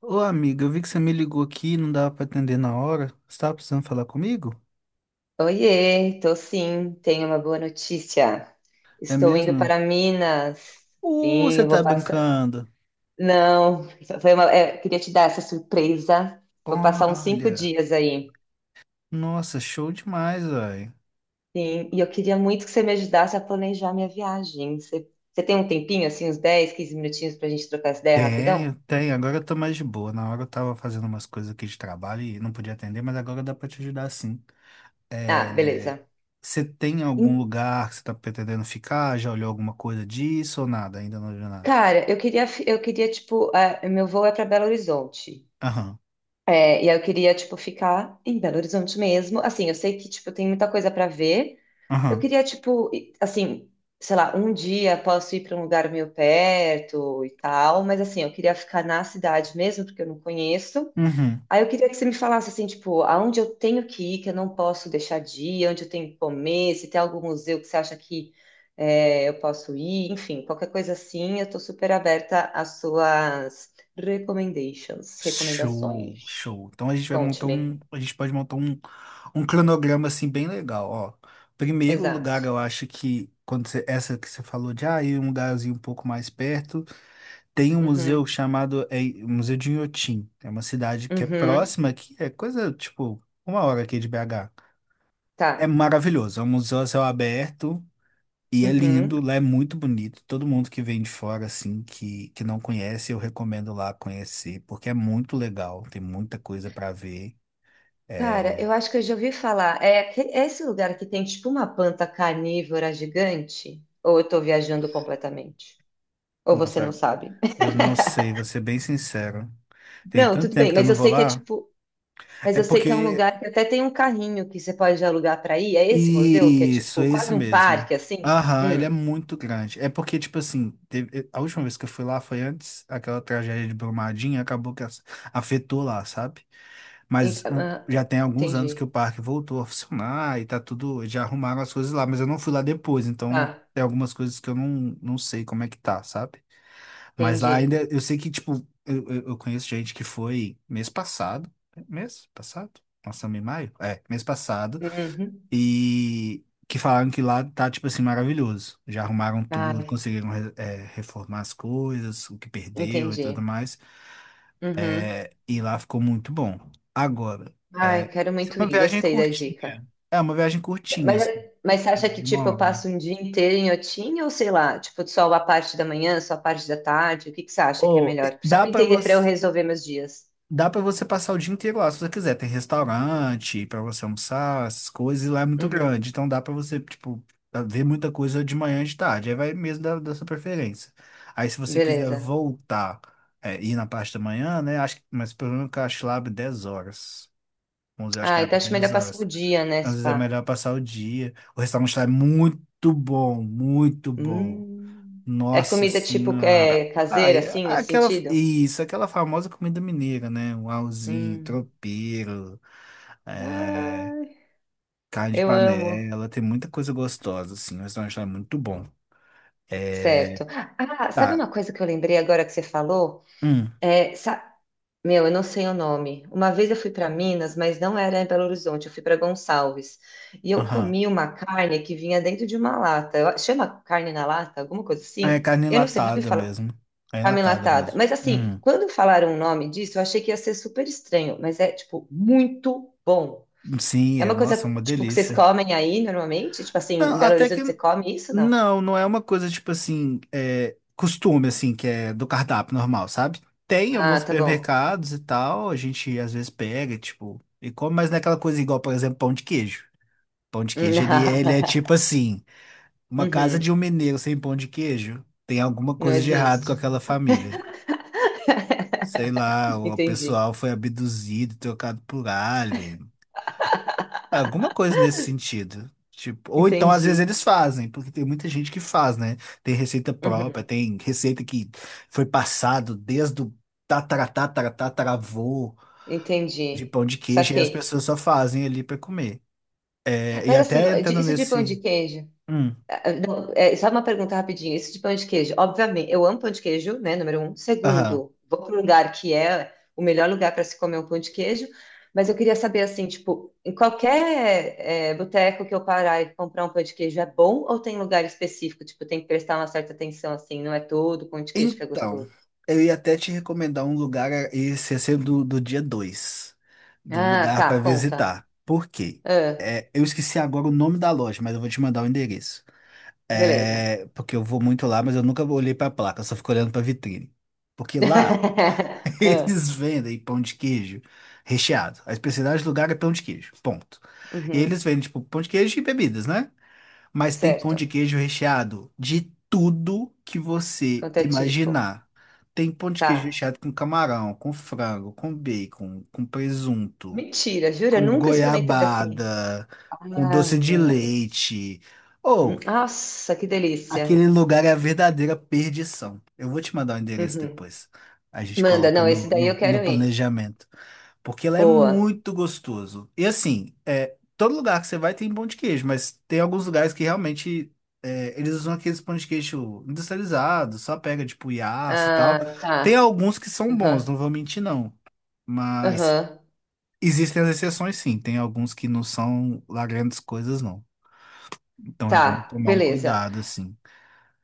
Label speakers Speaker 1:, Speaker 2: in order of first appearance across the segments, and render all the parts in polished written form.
Speaker 1: Ô amiga, eu vi que você me ligou aqui, e não dava pra atender na hora. Você tava precisando falar comigo?
Speaker 2: Oiê, tô sim, tenho uma boa notícia.
Speaker 1: É
Speaker 2: Estou indo
Speaker 1: mesmo?
Speaker 2: para Minas. Sim,
Speaker 1: Você
Speaker 2: eu vou
Speaker 1: tá
Speaker 2: passar.
Speaker 1: brincando.
Speaker 2: Não, foi uma... é, queria te dar essa surpresa. Vou passar uns cinco
Speaker 1: Olha,
Speaker 2: dias aí.
Speaker 1: nossa, show demais, velho.
Speaker 2: Sim, e eu queria muito que você me ajudasse a planejar minha viagem. Você tem um tempinho, assim, uns 10, 15 minutinhos para a gente trocar essa ideia rapidão?
Speaker 1: Tenho. Agora eu tô mais de boa. Na hora eu tava fazendo umas coisas aqui de trabalho e não podia atender, mas agora dá pra te ajudar sim.
Speaker 2: Ah,
Speaker 1: É...
Speaker 2: beleza.
Speaker 1: Você tem
Speaker 2: Em-
Speaker 1: algum lugar que você tá pretendendo ficar? Já olhou alguma coisa disso ou nada? Ainda não olhou nada.
Speaker 2: Cara, eu queria tipo, ah, meu voo é para Belo Horizonte.
Speaker 1: Aham,
Speaker 2: É, e aí eu queria, tipo, ficar em Belo Horizonte mesmo. Assim, eu sei que, tipo, tem muita coisa pra ver. Eu
Speaker 1: aham,
Speaker 2: queria, tipo, assim, sei lá, um dia posso ir pra um lugar meio perto e tal, mas assim, eu queria ficar na cidade mesmo, porque eu não conheço.
Speaker 1: uhum.
Speaker 2: Aí eu queria que você me falasse assim, tipo, aonde eu tenho que ir, que eu não posso deixar de ir, onde eu tenho que comer, se tem algum museu que você acha que é, eu posso ir, enfim, qualquer coisa assim, eu tô super aberta às suas recommendations,
Speaker 1: Show,
Speaker 2: recomendações.
Speaker 1: show. Então a gente vai montar
Speaker 2: Conte-me.
Speaker 1: um, a gente pode montar um, um cronograma assim bem legal, ó. Primeiro lugar,
Speaker 2: Exato.
Speaker 1: eu acho que essa que você falou de ir um lugarzinho um pouco mais perto, tem um museu
Speaker 2: Uhum.
Speaker 1: chamado Museu de Inhotim. É uma cidade que é
Speaker 2: Uhum.
Speaker 1: próxima aqui, é coisa tipo uma hora aqui de BH. É
Speaker 2: Tá.
Speaker 1: maravilhoso, é um museu a céu aberto e é
Speaker 2: Uhum.
Speaker 1: lindo, lá é muito bonito. Todo mundo que vem de fora, assim, que não conhece, eu recomendo lá conhecer, porque é muito legal, tem muita coisa para ver.
Speaker 2: Cara,
Speaker 1: É,
Speaker 2: eu acho que eu já ouvi falar. É, é esse lugar que tem tipo uma planta carnívora gigante? Ou eu tô viajando completamente? Ou você não
Speaker 1: Nossa,
Speaker 2: sabe?
Speaker 1: eu não sei, vou ser bem sincero. Tem
Speaker 2: Não,
Speaker 1: tanto
Speaker 2: tudo bem,
Speaker 1: tempo que eu
Speaker 2: mas
Speaker 1: não
Speaker 2: eu
Speaker 1: vou
Speaker 2: sei que é
Speaker 1: lá.
Speaker 2: tipo, mas
Speaker 1: É
Speaker 2: eu sei que é um
Speaker 1: porque
Speaker 2: lugar que até tem um carrinho que você pode alugar para ir. É esse museu que é
Speaker 1: Isso,
Speaker 2: tipo
Speaker 1: esse
Speaker 2: quase um
Speaker 1: mesmo.
Speaker 2: parque assim?
Speaker 1: Aham, ele é muito grande. É porque, tipo assim, a última vez que eu fui lá foi antes aquela tragédia de Brumadinho, acabou que afetou lá, sabe? Mas
Speaker 2: Ent- ah,
Speaker 1: já tem alguns anos que o
Speaker 2: entendi.
Speaker 1: parque voltou a funcionar e tá tudo, já arrumaram as coisas lá, mas eu não fui lá depois, então
Speaker 2: Tá,
Speaker 1: tem algumas coisas que eu não sei como é que tá, sabe? Mas lá
Speaker 2: entendi.
Speaker 1: ainda, eu sei que, tipo, eu conheço gente que foi mês passado, né? Mês passado? Nós estamos em maio? É, mês passado.
Speaker 2: Uhum.
Speaker 1: E que falaram que lá tá, tipo assim, maravilhoso. Já arrumaram tudo,
Speaker 2: Ai,
Speaker 1: conseguiram reformar as coisas, o que perdeu e tudo
Speaker 2: entendi.
Speaker 1: mais.
Speaker 2: Uhum.
Speaker 1: E lá ficou muito bom. Agora,
Speaker 2: Ai,
Speaker 1: é,
Speaker 2: quero
Speaker 1: isso
Speaker 2: muito
Speaker 1: é uma
Speaker 2: ir,
Speaker 1: viagem
Speaker 2: gostei da dica.
Speaker 1: curtinha. É uma viagem curtinha,
Speaker 2: Mas,
Speaker 1: assim,
Speaker 2: mas você acha que
Speaker 1: de
Speaker 2: tipo
Speaker 1: uma
Speaker 2: eu passo
Speaker 1: hora.
Speaker 2: um dia inteiro em Otim ou sei lá, tipo só a parte da manhã, só a parte da tarde? O que que você acha que é
Speaker 1: Ou, eh,
Speaker 2: melhor? Só
Speaker 1: dá
Speaker 2: para
Speaker 1: pra
Speaker 2: entender para eu
Speaker 1: você.
Speaker 2: resolver meus dias.
Speaker 1: Dá pra você passar o dia inteiro lá, se você quiser. Tem restaurante pra você almoçar, essas coisas, e lá é muito
Speaker 2: Uhum.
Speaker 1: grande. Então dá pra você, tipo, ver muita coisa de manhã e de tarde. Aí vai mesmo da sua preferência. Aí se você quiser
Speaker 2: Beleza.
Speaker 1: voltar, é, ir na parte da manhã, né? Mas pelo menos que eu acho que lá abre 10 horas. 11, acho que
Speaker 2: Ah, então
Speaker 1: abre
Speaker 2: acho
Speaker 1: 10
Speaker 2: melhor passar o
Speaker 1: horas.
Speaker 2: dia, né,
Speaker 1: Então, às vezes é
Speaker 2: spa?
Speaker 1: melhor passar o dia. O restaurante lá é muito bom, muito bom.
Speaker 2: Hum. É
Speaker 1: Nossa
Speaker 2: comida tipo que
Speaker 1: senhora.
Speaker 2: é caseira, assim, nesse sentido?
Speaker 1: Aquela famosa comida mineira, né? Um auzinho,
Speaker 2: Hum.
Speaker 1: tropeiro, é,
Speaker 2: Ai,
Speaker 1: carne de
Speaker 2: eu amo.
Speaker 1: panela, tem muita coisa gostosa, assim. O restaurante lá é muito bom. É,
Speaker 2: Certo. Ah, sabe
Speaker 1: tá.
Speaker 2: uma coisa que eu lembrei agora que você falou?
Speaker 1: Hum,
Speaker 2: É, sa- Meu, eu não sei o nome. Uma vez eu fui para Minas, mas não era em Belo Horizonte, eu fui para Gonçalves. E eu
Speaker 1: aham.
Speaker 2: comi uma carne que vinha dentro de uma lata. Chama carne na lata, alguma coisa
Speaker 1: Ah, é
Speaker 2: assim?
Speaker 1: carne
Speaker 2: Eu não sei, já ouvi
Speaker 1: enlatada
Speaker 2: falar.
Speaker 1: mesmo. É enlatada
Speaker 2: Camelatada.
Speaker 1: mesmo.
Speaker 2: Mas assim,
Speaker 1: Hum.
Speaker 2: quando falaram o nome disso, eu achei que ia ser super estranho, mas é tipo muito bom.
Speaker 1: Sim,
Speaker 2: É
Speaker 1: é,
Speaker 2: uma coisa
Speaker 1: nossa, é uma
Speaker 2: tipo que vocês
Speaker 1: delícia.
Speaker 2: comem aí normalmente? Tipo assim,
Speaker 1: Não,
Speaker 2: em Belo
Speaker 1: até que.
Speaker 2: Horizonte você come isso, não?
Speaker 1: Não, não é uma coisa tipo assim, é, costume assim, que é do cardápio normal, sabe? Tem
Speaker 2: Ah,
Speaker 1: alguns
Speaker 2: tá bom.
Speaker 1: supermercados e tal, a gente às vezes pega, tipo, e come, mas não é aquela coisa igual, por exemplo, pão de queijo. Pão de queijo, ele é tipo assim, uma casa de
Speaker 2: Uhum.
Speaker 1: um mineiro sem pão de queijo, tem alguma
Speaker 2: Não
Speaker 1: coisa de errado com
Speaker 2: existe.
Speaker 1: aquela família. Sei lá, o
Speaker 2: Entendi.
Speaker 1: pessoal foi abduzido, trocado por alien. Alguma coisa nesse sentido. Tipo, ou então, às vezes,
Speaker 2: Entendi.
Speaker 1: eles fazem, porque tem muita gente que faz, né? Tem receita própria,
Speaker 2: Uhum.
Speaker 1: tem receita que foi passado desde o tataratataratatravô de
Speaker 2: Entendi.
Speaker 1: pão de queijo, e as
Speaker 2: Saquei.
Speaker 1: pessoas só fazem ali pra comer. É, e
Speaker 2: Mas assim,
Speaker 1: até
Speaker 2: ó,
Speaker 1: entrando
Speaker 2: isso de pão de
Speaker 1: nesse.
Speaker 2: queijo.
Speaker 1: Hum,
Speaker 2: Ah, não, é, só uma pergunta rapidinho. Isso de pão de queijo. Obviamente, eu amo pão de queijo, né? Número 1.
Speaker 1: aham.
Speaker 2: Segundo, vou para um lugar que é o melhor lugar para se comer um pão de queijo. Mas eu queria saber, assim, tipo, em qualquer é, boteco que eu parar e comprar um pão de queijo é bom ou tem lugar específico? Tipo, tem que prestar uma certa atenção, assim, não é todo pão de queijo que é
Speaker 1: Então,
Speaker 2: gostoso.
Speaker 1: eu ia até te recomendar um lugar, é, esse ia ser do dia 2 de um
Speaker 2: Ah,
Speaker 1: lugar
Speaker 2: tá,
Speaker 1: para
Speaker 2: conta.
Speaker 1: visitar. Por quê?
Speaker 2: Ah,
Speaker 1: É, eu esqueci agora o nome da loja, mas eu vou te mandar o endereço.
Speaker 2: beleza.
Speaker 1: É, porque eu vou muito lá, mas eu nunca olhei pra placa, eu só fico olhando pra vitrine. Porque lá
Speaker 2: Ah,
Speaker 1: eles vendem pão de queijo recheado. A especialidade do lugar é pão de queijo, ponto. E
Speaker 2: uhum,
Speaker 1: eles vendem, tipo, pão de queijo e bebidas, né? Mas tem pão de
Speaker 2: certo.
Speaker 1: queijo recheado de tudo que você
Speaker 2: Quanto é tipo?
Speaker 1: imaginar. Tem pão de queijo
Speaker 2: Tá.
Speaker 1: recheado com camarão, com frango, com bacon, com presunto,
Speaker 2: Mentira, jura?
Speaker 1: com
Speaker 2: Nunca experimentei assim.
Speaker 1: goiabada, com doce de
Speaker 2: Ave Maria.
Speaker 1: leite.
Speaker 2: Nossa, que
Speaker 1: Aquele
Speaker 2: delícia.
Speaker 1: lugar é a verdadeira perdição. Eu vou te mandar o endereço
Speaker 2: Uhum.
Speaker 1: depois. A gente
Speaker 2: Manda,
Speaker 1: coloca
Speaker 2: não, esse daí eu
Speaker 1: no
Speaker 2: quero ir.
Speaker 1: planejamento. Porque lá é
Speaker 2: Boa.
Speaker 1: muito gostoso. E assim, é, todo lugar que você vai tem pão de queijo, mas tem alguns lugares que realmente é, eles usam aqueles pão de queijo industrializados, só pega tipo Yassa e tal.
Speaker 2: Ah,
Speaker 1: Tem
Speaker 2: tá.
Speaker 1: alguns que são bons,
Speaker 2: Aham,
Speaker 1: não vou mentir não. Mas
Speaker 2: aham.
Speaker 1: existem as exceções sim. Tem alguns que não são lá grandes coisas não. Então é bom
Speaker 2: Tá,
Speaker 1: tomar um
Speaker 2: beleza.
Speaker 1: cuidado assim.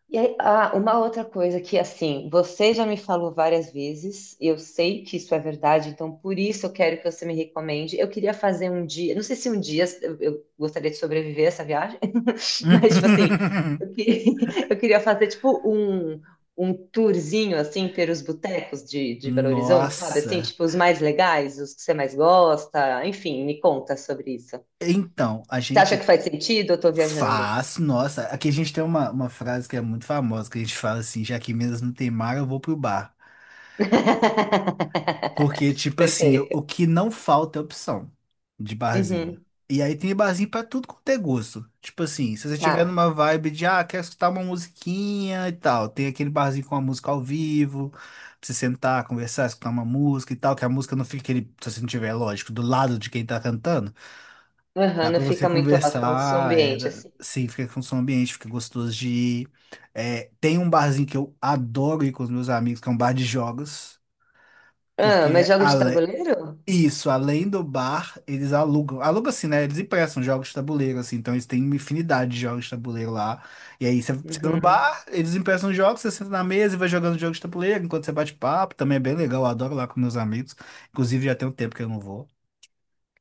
Speaker 2: E aí, ah, uma outra coisa que, assim, você já me falou várias vezes, e eu sei que isso é verdade, então por isso eu quero que você me recomende. Eu queria fazer um dia, não sei se um dia eu gostaria de sobreviver a essa viagem. Mas, tipo assim, eu, eu queria fazer, tipo, um tourzinho, assim, pelos botecos de Belo Horizonte, sabe? Assim,
Speaker 1: Nossa.
Speaker 2: tipo, os mais legais, os que você mais gosta. Enfim, me conta sobre isso.
Speaker 1: Então, a
Speaker 2: Você acha que
Speaker 1: gente
Speaker 2: faz sentido? Eu tô viajando.
Speaker 1: nossa, aqui a gente tem uma frase que é muito famosa, que a gente fala assim, já que em Minas não tem mar, eu vou pro bar. Porque, tipo assim, o
Speaker 2: Perfeito.
Speaker 1: que não falta é opção de barzinho.
Speaker 2: Uhum,
Speaker 1: E aí tem barzinho pra tudo quanto é gosto. Tipo assim, se você tiver
Speaker 2: tá.
Speaker 1: numa vibe de, ah, quero escutar uma musiquinha e tal, tem aquele barzinho com a música ao vivo, pra você sentar, conversar, escutar uma música e tal, que a música não fica aquele, se você não tiver, lógico, do lado de quem tá cantando.
Speaker 2: Aham,
Speaker 1: Dá
Speaker 2: não
Speaker 1: para você
Speaker 2: fica muito alto então, o seu
Speaker 1: conversar,
Speaker 2: ambiente, assim.
Speaker 1: sim, fica com som ambiente, fica gostoso de ir. É, tem um barzinho que eu adoro ir com os meus amigos, que é um bar de jogos,
Speaker 2: Ah,
Speaker 1: porque
Speaker 2: mas jogo de tabuleiro?
Speaker 1: isso, além do bar, alugam assim, né? Eles emprestam jogos de tabuleiro, assim, então eles têm uma infinidade de jogos de tabuleiro lá. E aí você vai no
Speaker 2: Uhum.
Speaker 1: bar, eles emprestam jogos, você senta na mesa e vai jogando jogos de tabuleiro enquanto você bate papo, também é bem legal, eu adoro lá com meus amigos. Inclusive já tem um tempo que eu não vou.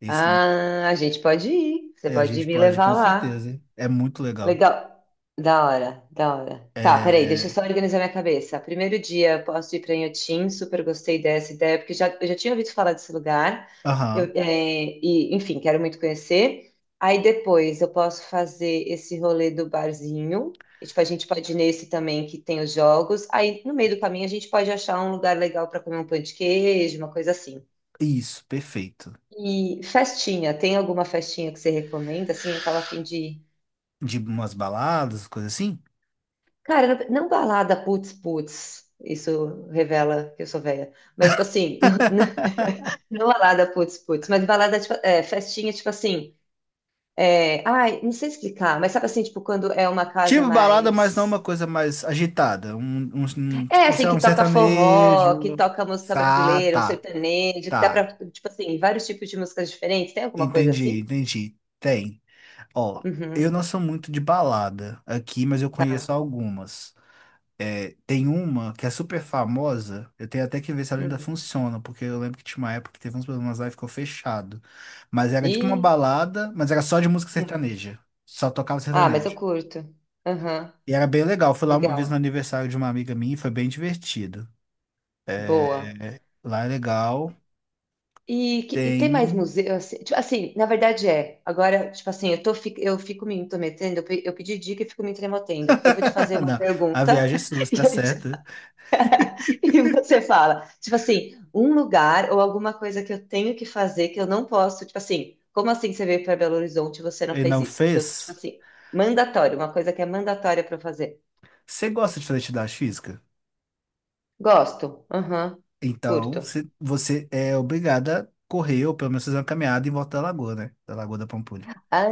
Speaker 1: Isso também,
Speaker 2: Ah, a gente pode ir. Você
Speaker 1: é, a
Speaker 2: pode
Speaker 1: gente
Speaker 2: me
Speaker 1: pode, com
Speaker 2: levar lá.
Speaker 1: certeza, é muito legal.
Speaker 2: Legal. Da hora, da hora. Tá, peraí, deixa eu
Speaker 1: É.
Speaker 2: só organizar minha cabeça. Primeiro dia, posso ir para Inhotim, super gostei dessa ideia, porque já, eu já tinha ouvido falar desse lugar. Eu,
Speaker 1: Aham.
Speaker 2: é, e, enfim, quero muito conhecer. Aí depois eu posso fazer esse rolê do barzinho. E, tipo, a gente pode ir nesse também que tem os jogos. Aí no meio do caminho a gente pode achar um lugar legal para comer um pão de queijo, uma coisa assim.
Speaker 1: Isso, perfeito.
Speaker 2: E festinha, tem alguma festinha que você recomenda? Assim, eu tava afim de
Speaker 1: De umas baladas, coisa assim?
Speaker 2: cara, não balada putz putz, isso revela que eu sou velha. Mas, tipo assim, não balada putz putz, mas balada, tipo, é, festinha, tipo assim. É, ai, não sei explicar, mas sabe assim, tipo, quando é uma casa
Speaker 1: Tipo balada, mas não uma
Speaker 2: mais.
Speaker 1: coisa mais agitada.
Speaker 2: É,
Speaker 1: Tipo,
Speaker 2: assim,
Speaker 1: sei lá,
Speaker 2: que
Speaker 1: um
Speaker 2: toca
Speaker 1: sertanejo.
Speaker 2: forró, que toca música
Speaker 1: Ah,
Speaker 2: brasileira, um
Speaker 1: tá.
Speaker 2: sertanejo, que dá pra,
Speaker 1: Tá.
Speaker 2: tipo assim, vários tipos de músicas diferentes. Tem alguma coisa
Speaker 1: Entendi,
Speaker 2: assim?
Speaker 1: entendi. Tem. Ó, eu
Speaker 2: Uhum,
Speaker 1: não sou muito de balada aqui, mas eu conheço
Speaker 2: tá.
Speaker 1: algumas. É, tem uma que é super famosa, eu tenho até que ver se ela ainda
Speaker 2: Hum.
Speaker 1: funciona, porque eu lembro que tinha uma época que teve uns problemas lá e ficou fechado. Mas era tipo uma
Speaker 2: E.
Speaker 1: balada, mas era só de música
Speaker 2: Hum.
Speaker 1: sertaneja. Só tocava
Speaker 2: Ah, mas eu
Speaker 1: sertanejo.
Speaker 2: curto. Aham,
Speaker 1: E era bem legal. Fui lá uma vez no
Speaker 2: legal.
Speaker 1: aniversário de uma amiga minha e foi bem divertido.
Speaker 2: Boa.
Speaker 1: Lá é legal.
Speaker 2: E, e tem mais
Speaker 1: Tem.
Speaker 2: museu, assim, tipo, assim, na verdade é, agora, tipo assim, eu, tô, eu fico me intrometendo, eu, eu pedi dica e fico me intrometendo, eu vou te fazer uma
Speaker 1: Não, a
Speaker 2: pergunta
Speaker 1: viagem é sua, você tá
Speaker 2: e, aí você,
Speaker 1: certa.
Speaker 2: e você fala, tipo assim, um lugar ou alguma coisa que eu tenho que fazer que eu não posso, tipo assim, como assim você veio para Belo Horizonte e você não
Speaker 1: E
Speaker 2: fez
Speaker 1: não
Speaker 2: isso? Que eu, tipo
Speaker 1: fez?
Speaker 2: assim, mandatório, uma coisa que é mandatória para eu fazer.
Speaker 1: Você gosta de fazer atividade física?
Speaker 2: Gosto, aham, curto.
Speaker 1: Você é obrigada a correr, ou pelo menos fazer uma caminhada em volta da lagoa, né? Da Lagoa da Pampulha.
Speaker 2: Ah,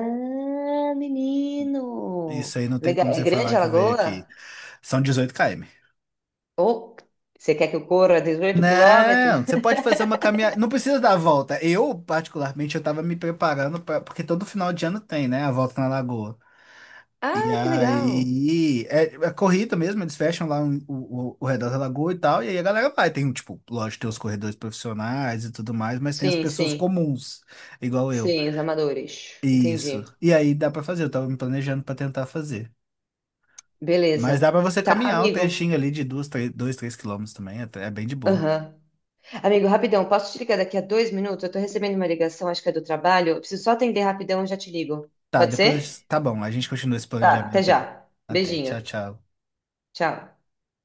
Speaker 2: menino!
Speaker 1: Isso aí não tem
Speaker 2: Legal,
Speaker 1: como
Speaker 2: é
Speaker 1: você falar
Speaker 2: grande a
Speaker 1: que veio aqui.
Speaker 2: lagoa?
Speaker 1: São 18 km.
Speaker 2: Ou você quer que eu corra 18 quilômetros?
Speaker 1: Não, você pode fazer uma caminhada. Não precisa dar a volta. Eu, particularmente, eu tava me preparando pra... porque todo final de ano tem, né? A volta na lagoa. E
Speaker 2: Ah, que legal!
Speaker 1: aí é corrida mesmo, eles fecham o redor da lagoa e tal, e aí a galera vai. Tem, um, tipo, lógico, tem os corredores profissionais e tudo mais, mas tem as
Speaker 2: Sim,
Speaker 1: pessoas
Speaker 2: sim.
Speaker 1: comuns, igual eu.
Speaker 2: Sim, os amadores.
Speaker 1: Isso.
Speaker 2: Entendi.
Speaker 1: E aí dá pra fazer, eu tava me planejando pra tentar fazer.
Speaker 2: Beleza.
Speaker 1: Mas dá pra você
Speaker 2: Tá,
Speaker 1: caminhar um
Speaker 2: amigo.
Speaker 1: trechinho ali de dois, três quilômetros também. É, é bem de boa.
Speaker 2: Aham. Amigo, rapidão, posso te ligar daqui a 2 minutos? Eu tô recebendo uma ligação, acho que é do trabalho. Eu preciso só atender rapidão e já te ligo.
Speaker 1: Tá,
Speaker 2: Pode ser?
Speaker 1: depois. Tá bom, a gente continua esse
Speaker 2: Tá, até
Speaker 1: planejamento aí.
Speaker 2: já.
Speaker 1: Até.
Speaker 2: Beijinho.
Speaker 1: Tchau, tchau.
Speaker 2: Tchau.